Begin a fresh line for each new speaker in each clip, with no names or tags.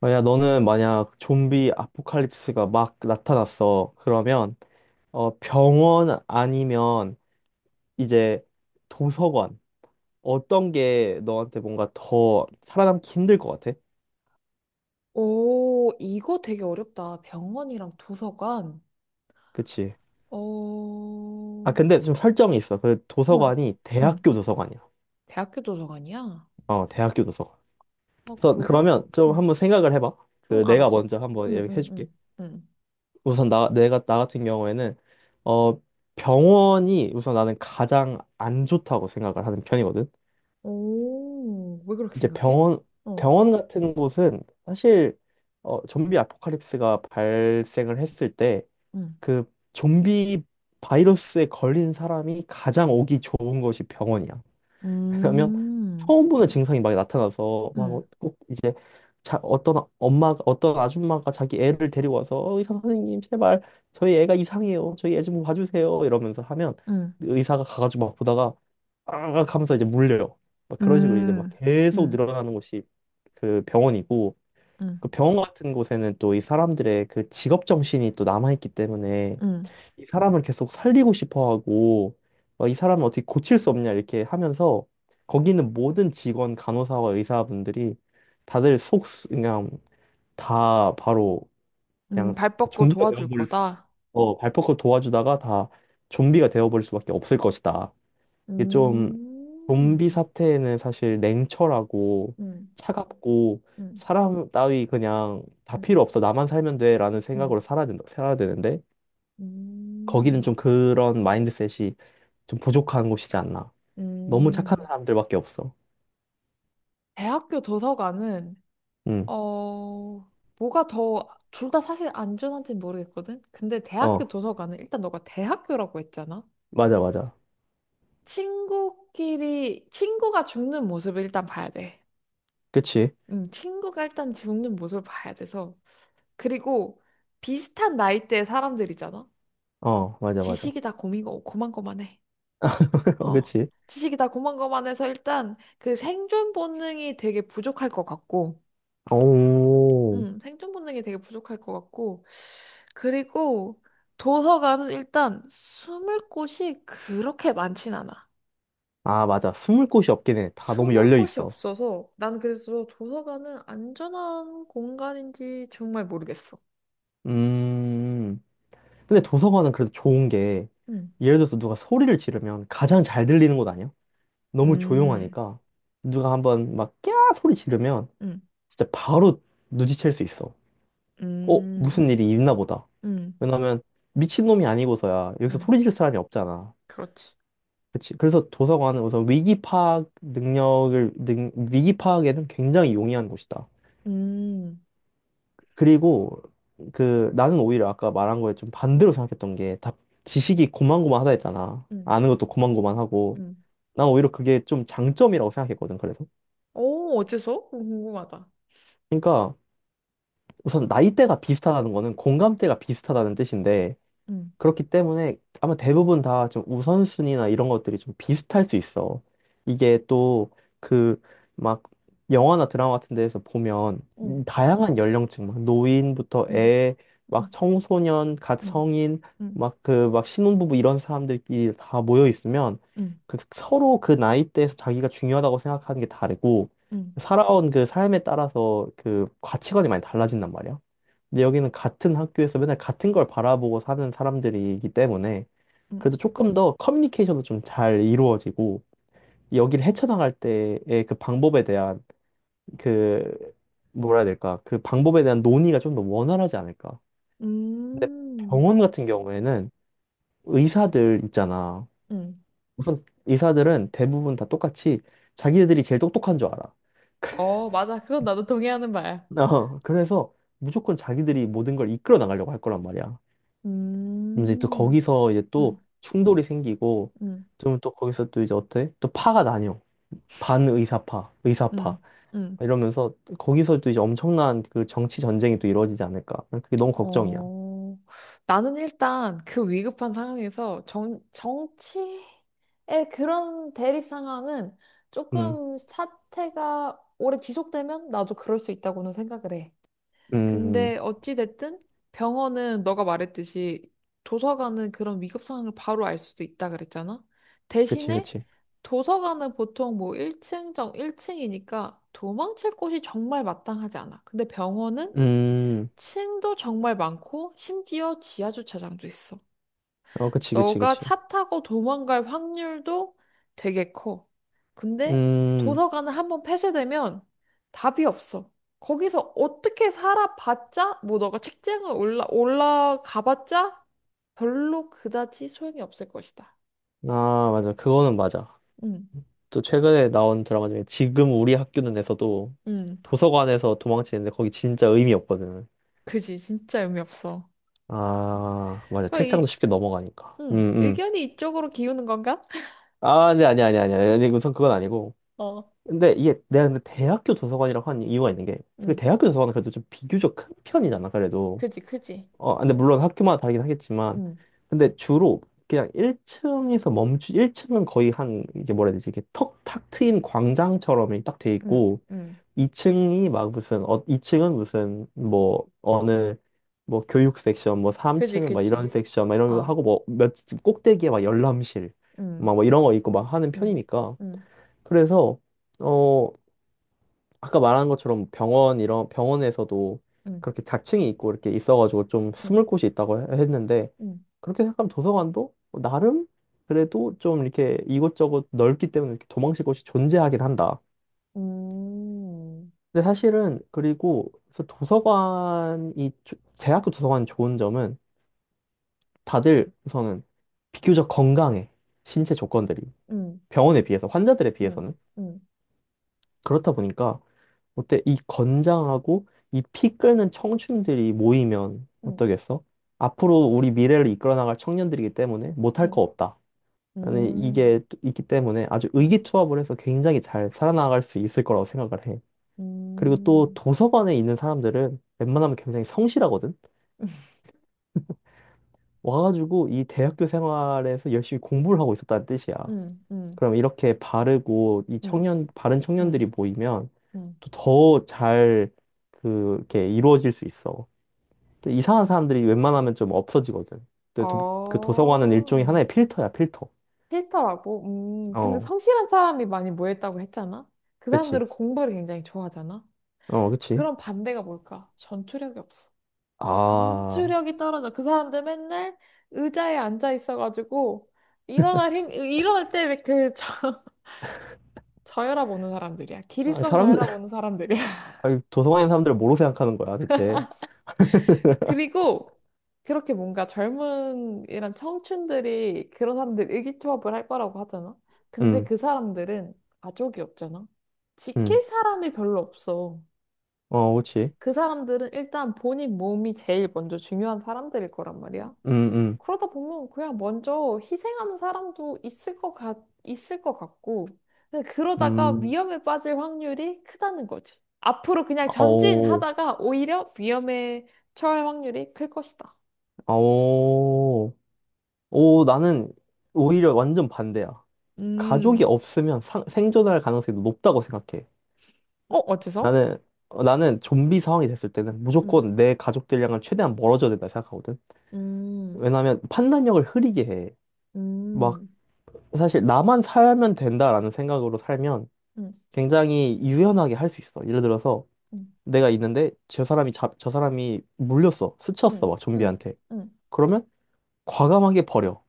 만약 좀비 아포칼립스가 막 나타났어. 그러면 병원 아니면 이제 도서관, 어떤 게 너한테 뭔가 더 살아남기 힘들 것 같아?
오, 이거 되게 어렵다. 병원이랑 도서관.
그치?
어,
아
어,
근데 좀 설정이 있어. 그 도서관이
응.
대학교 도서관이야.
대학교 도서관이야?
어 대학교 도서관.
어,
그래서
그럼?
그러면 좀
응,
한번 생각을 해봐.
응,
그 내가
알았어.
먼저 한번
응, 응,
얘기해줄게.
응, 응.
우선 나 같은 경우에는 어 병원이 우선 나는 가장 안 좋다고 생각을 하는 편이거든.
오, 왜 그렇게
이제
생각해?
병원,
어,
병원 같은 곳은 사실 좀비 아포칼립스가 발생을 했을 때
응.
그 좀비 바이러스에 걸린 사람이 가장 오기 좋은 곳이 병원이야. 그러면
음,
처음 보는 증상이 막 나타나서 막
응,
꼭 이제 자, 어떤 아줌마가 자기 애를 데리고 와서 "어, 의사 선생님 제발 저희 애가 이상해요 저희 애 좀 봐주세요" 이러면서 하면
응,
의사가 가가지고 막 보다가 아 하면서 이제 물려요. 막 그런 식으로 이제 막
음,
계속
응,
늘어나는 곳이 그 병원이고,
응,
그 병원 같은 곳에는 또 이 사람들의 그 직업 정신이 또 남아있기 때문에
응.
이 사람을 계속 살리고 싶어 하고, 어, 이 사람을 어떻게 고칠 수 없냐 이렇게 하면서 거기 있는 모든 직원 간호사와 의사분들이 다들 속 그냥 다 바로 그냥
발 뻗고
좀비가
도와줄
되어버릴 수
거다.
어, 발포크 도와주다가 다 좀비가 되어버릴 수밖에 없을 것이다. 이게 좀, 좀비
음,
사태에는 사실 냉철하고
응,
차갑고
응,
사람 따위 그냥 다
응,
필요 없어 나만 살면 돼라는
응.
생각으로 살아야 되는데 거기는 좀
음.
그런 마인드셋이 좀 부족한 곳이지 않나. 너무 착한
음,
사람들밖에 없어.
대학교 도서관은,
응,
어, 뭐가 더, 둘 다 사실 안전한지는 모르겠거든? 근데 대학교
어,
도서관은 일단 너가 대학교라고 했잖아?
맞아, 맞아.
친구끼리, 친구가 죽는 모습을 일단 봐야 돼.
그치?
친구가 일단 죽는 모습을 봐야 돼서. 그리고 비슷한 나이대의 사람들이잖아?
어, 맞아, 맞아.
지식이 다 고만고만해.
어,
어.
그치?
지식이 다 고만고만해서 일단 그 생존 본능이 되게 부족할 것 같고,
오,
생존 본능이 되게 부족할 것 같고. 그리고 도서관은 일단 숨을 곳이 그렇게 많진 않아.
아, 맞아. 숨을 곳이 없긴 해. 다 너무
숨을
열려
곳이
있어.
없어서 난 그래서 도서관은 안전한 공간인지 정말 모르겠어.
음, 근데 도서관은 그래도 좋은 게,
음,
예를 들어서 누가 소리를 지르면 가장
음,
잘 들리는 곳 아니야? 너무
음,
조용하니까. 누가 한번 막, 꺄! 소리 지르면
음,
진짜 바로 눈치챌 수 있어. 어,
음,
무슨 일이 있나 보다.
음,
왜냐면, 미친놈이 아니고서야 여기서
음.
소리 지를 사람이 없잖아.
그렇지.
그치. 그래서 도서관은 우선 위기 파악에는 굉장히 용이한 곳이다.
음,
그리고 그 나는 오히려 아까 말한 거에 좀 반대로 생각했던 게 다 지식이 고만고만하다 했잖아.
음,
아는 것도 고만고만하고.
음.
난 오히려 그게 좀 장점이라고 생각했거든, 그래서.
오, 어째서? 그거 궁금하다.
그러니까 우선 나이대가 비슷하다는 거는 공감대가 비슷하다는 뜻인데,
음,
그렇기 때문에 아마 대부분 다 좀 우선순위나 이런 것들이 좀 비슷할 수 있어. 이게 또 그 막 영화나 드라마 같은 데에서 보면
음,
다양한 연령층, 막 노인부터
음,
애, 막
음,
청소년, 갓
음,
성인,
음,
막 신혼부부 이런 사람들끼리 다 모여 있으면
음,
그 서로 그 나이대에서 자기가 중요하다고 생각하는 게 다르고
음,
살아온 그 삶에 따라서 그 가치관이 많이 달라진단 말이야. 근데 여기는 같은 학교에서 맨날 같은 걸 바라보고 사는 사람들이기 때문에
음.
그래도 조금 더 커뮤니케이션도 좀 잘 이루어지고 여기를 헤쳐나갈 때의 그 방법에 대한 그 뭐라 해야 될까? 그 방법에 대한 논의가 좀 더 원활하지 않을까? 근데
음,
병원 같은 경우에는 의사들 있잖아.
음.
우선 의사들은 대부분 다 똑같이 자기들이 제일 똑똑한 줄 알아.
어, 맞아. 그건 나도 동의하는 바야.
어, 그래서 무조건 자기들이 모든 걸 이끌어 나가려고 할 거란 말이야. 그럼 이제 또
음,
거기서 이제 또
음,
충돌이 생기고
음,
좀 또 거기서 또 이제 어때? 또 파가 나뉘어. 반의사파,
음,
의사파
음.
이러면서 거기서 또 이제 엄청난 그 정치 전쟁이 또 이루어지지 않을까. 난 그게 너무 걱정이야.
어, 나는 일단 그 위급한 상황에서 정치의 그런 대립 상황은
음,
조금 사태가 오래 지속되면 나도 그럴 수 있다고는 생각을 해.
음, 음.
근데 어찌됐든 병원은 너가 말했듯이 도서관은 그런 위급 상황을 바로 알 수도 있다 그랬잖아.
그치,
대신에
그치.
도서관은 보통 뭐 1층 정 1층이니까 도망칠 곳이 정말 마땅하지 않아. 근데 병원은
음,
층도 정말 많고 심지어 지하 주차장도 있어.
어, 그치, 그치,
너가
그치.
차 타고 도망갈 확률도 되게 커. 근데
음,
도서관을 한번 폐쇄되면 답이 없어. 거기서 어떻게 살아봤자, 뭐 너가 책장을 올라가봤자 별로 그다지 소용이 없을 것이다.
아, 맞아. 그거는 맞아.
응,
또 최근에 나온 드라마 중에 지금 우리 학교는에서도
응,
도서관에서 도망치는데 거기 진짜 의미 없거든.
그지. 진짜 의미 없어.
아, 맞아.
그,
책장도
이,
쉽게 넘어가니까.
응, 의견이 이쪽으로 기우는 건가?
아, 네, 아니 아니 아니 아니 아니, 우선 그건 아니고.
어,
근데 이게 내가 근데 대학교 도서관이라고 한 이유가 있는 게, 그
응,
대학교 도서관은 그래도 좀 비교적 큰 편이잖아, 그래도.
그지, 그지.
어, 근데 물론 학교마다 다르긴 하겠지만,
응,
근데 주로 그냥 1층은 거의 한 이게 뭐라 해야 되지, 이게 턱 탁 트인 광장처럼 딱 돼
응,
있고,
응,
2층이 막 무슨 어, 2층은 무슨 뭐 어느 뭐 교육 섹션, 뭐
그지,
3층은 막 이런
그지.
섹션 막 이런 거
어,
하고 뭐몇 꼭대기에 막 열람실
응,
막 뭐 이런 거 있고 막 하는
응,
편이니까,
응.
그래서 어 아까 말한 것처럼 병원 이런 병원에서도
응.
그렇게 자층이 있고 이렇게 있어가지고 좀
응,
숨을 곳이 있다고 했는데,
응,
그렇게 생각하면 도서관도 나름 그래도 좀 이렇게 이곳저곳 넓기 때문에 이렇게 도망칠 곳이 존재하긴 한다.
음,
근데 사실은 그리고 그래서 도서관이 대학교 도서관 좋은 점은 다들 우선은 비교적 건강해. 신체 조건들이
응,
병원에 비해서 환자들에
응,
비해서는,
응,
그렇다 보니까 어때 이 건장하고 이 피 끓는 청춘들이 모이면
응,
어떠겠어? 앞으로 우리 미래를 이끌어 나갈 청년들이기 때문에 못할 거
응,
없다. 나는
음,
이게 또 있기 때문에 아주
응,
의기투합을 해서 굉장히 잘 살아나갈 수 있을 거라고 생각을 해. 그리고 또
음,
도서관에 있는 사람들은 웬만하면 굉장히 성실하거든. 와가지고 이 대학교 생활에서 열심히 공부를 하고 있었다는 뜻이야.
응, 응,
그럼 이렇게 바르고
응,
바른 청년들이
응,
모이면
응.
또 더 잘 그렇게 이루어질 수 있어. 또 이상한 사람들이 웬만하면 좀 없어지거든. 또 도, 그 도서관은 일종의
어,
하나의 필터야, 필터.
싫라고 근데
어,
성실한 사람이 많이 모였다고 했잖아? 그
그치.
사람들은 공부를 굉장히 좋아하잖아?
어, 그치.
그럼 반대가 뭘까? 전투력이 없어.
아,
전투력이 떨어져. 그 사람들 맨날 의자에 앉아 있어가지고, 일어날 힘, 일어날 때 왜그 저혈압 오는 사람들이야.
아니,
기립성
사람들,
저혈압 오는 사람들이야.
아니, 도서관에 있는 사람들을 뭐로 생각하는 거야, 대체?
그리고 그렇게 뭔가 젊은 이런 청춘들이 그런 사람들 의기투합을 할 거라고 하잖아. 근데
응,
그 사람들은 가족이 없잖아.
응.
지킬 사람이 별로 없어.
어, 그치.
그 사람들은 일단 본인 몸이 제일 먼저 중요한 사람들일 거란 말이야.
음, 음,
그러다 보면 그냥 먼저 희생하는 사람도 있을 것 같, 있을 것 같고, 근데 그러다가
음,
위험에 빠질 확률이 크다는 거지. 앞으로 그냥
오,
전진하다가 오히려 위험에 처할 확률이 클 것이다.
오, 오, 나는 오히려 완전 반대야. 가족이
음,
없으면 생존할 가능성이 높다고 생각해.
어, 어째서?
나는, 어, 나는 좀비 상황이 됐을 때는
음,
무조건 내 가족들이랑은 최대한 멀어져야 된다 생각하거든.
음,
왜냐면 판단력을 흐리게 해. 막,
음,
사실 나만 살면 된다라는 생각으로 살면
음,
굉장히 유연하게 할 수 있어. 예를 들어서
음,
내가 있는데 저 사람이 물렸어. 스쳤어.
음,
막
음,
좀비한테.
음,
그러면 과감하게 버려.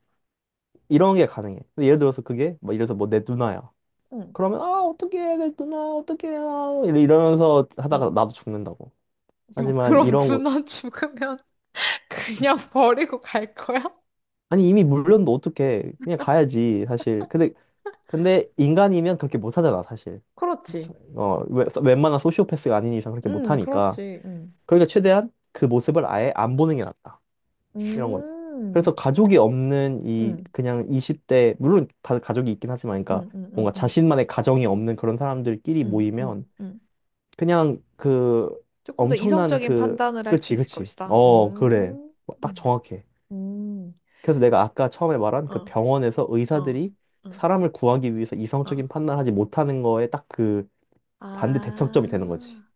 이런 게 가능해. 근데 예를 들어서 뭐 내 누나야.
음.
그러면 아 어떡해 내 누나 어떡해 아, 이러면서 하다가
음.
나도 죽는다고. 하지만
그럼
이런 거
누나 죽으면 그냥 버리고 갈 거야?
아니 이미 물렸는데 어떡해 그냥 가야지 사실. 근데 인간이면 그렇게 못 하잖아 사실.
그렇지.
어 웬만한 소시오패스가 아닌 이상 그렇게 못 하니까.
그렇지. 음.
그러니까 최대한 그 모습을 아예 안 보는 게 낫다 이런 거지. 그래서
음.
가족이 없는 이
음,
그냥 20대, 물론 다 가족이 있긴 하지만, 그러니까
음, 음, 음,
뭔가
음,
자신만의 가정이 없는 그런 사람들끼리
음,
모이면
음, 음.
그냥 그
조금 더
엄청난
이성적인
그
판단을 할 수
그치
있을
그치
것이다.
어 그래 딱
음.
정확해.
음,
그래서 내가 아까 처음에 말한 그
어,
병원에서
어,
의사들이
어,
사람을 구하기 위해서
어.
이성적인 판단하지 못하는 거에 딱 그 반대 대척점이 되는 거지.
아.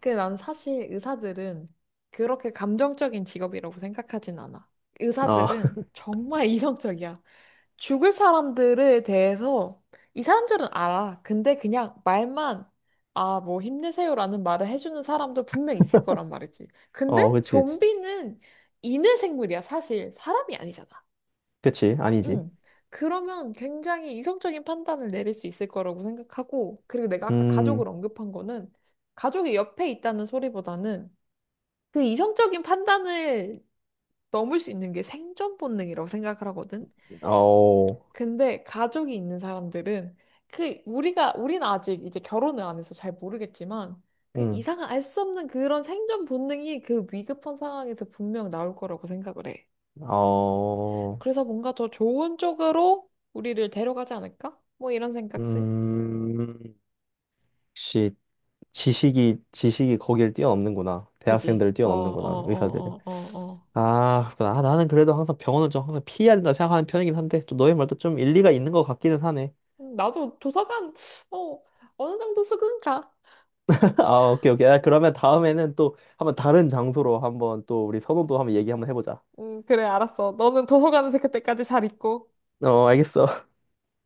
근데 난 사실 의사들은 그렇게 감정적인 직업이라고 생각하진 않아. 의사들은
아어
정말 이성적이야. 죽을 사람들에 대해서 이 사람들은 알아. 근데 그냥 말만 아, 뭐 힘내세요라는 말을 해주는 사람도 분명 있을 거란 말이지. 근데
그치 그치
좀비는 인외 생물이야, 사실. 사람이 아니잖아.
그치 아니지
응. 그러면 굉장히 이성적인 판단을 내릴 수 있을 거라고 생각하고, 그리고 내가 아까 가족을 언급한 거는 가족이 옆에 있다는 소리보다는 그 이성적인 판단을 넘을 수 있는 게 생존 본능이라고 생각을 하거든.
음어음어음
근데 가족이 있는 사람들은 그 우리가 우리는 아직 이제 결혼을 안 해서 잘 모르겠지만 그 이상한 알 수 없는 그런 생존 본능이 그 위급한 상황에서 분명 나올 거라고 생각을 해. 그래서 뭔가 더 좋은 쪽으로 우리를 데려가지 않을까? 뭐 이런 생각들.
시 지식이 거기를 뛰어넘는구나.
그지?
대학생들을
어, 어,
뛰어넘는구나 의사들이.
어, 어, 어, 어.
아, 나는 그래도 항상 병원을 좀 항상 피해야 된다 생각하는 편이긴 한데, 좀 너의 말도 좀 일리가 있는 것 같기는 하네.
나도 도서관 어 어느 정도 수긍가.
아, 오케이, 오케이. 아, 그러면 다음에는 또 한번 다른 장소로 한번 또 우리 선호도 한번 얘기 한번 해보자.
그래, 알았어. 너는 도서관에서 그때까지 잘 있고.
어, 알겠어.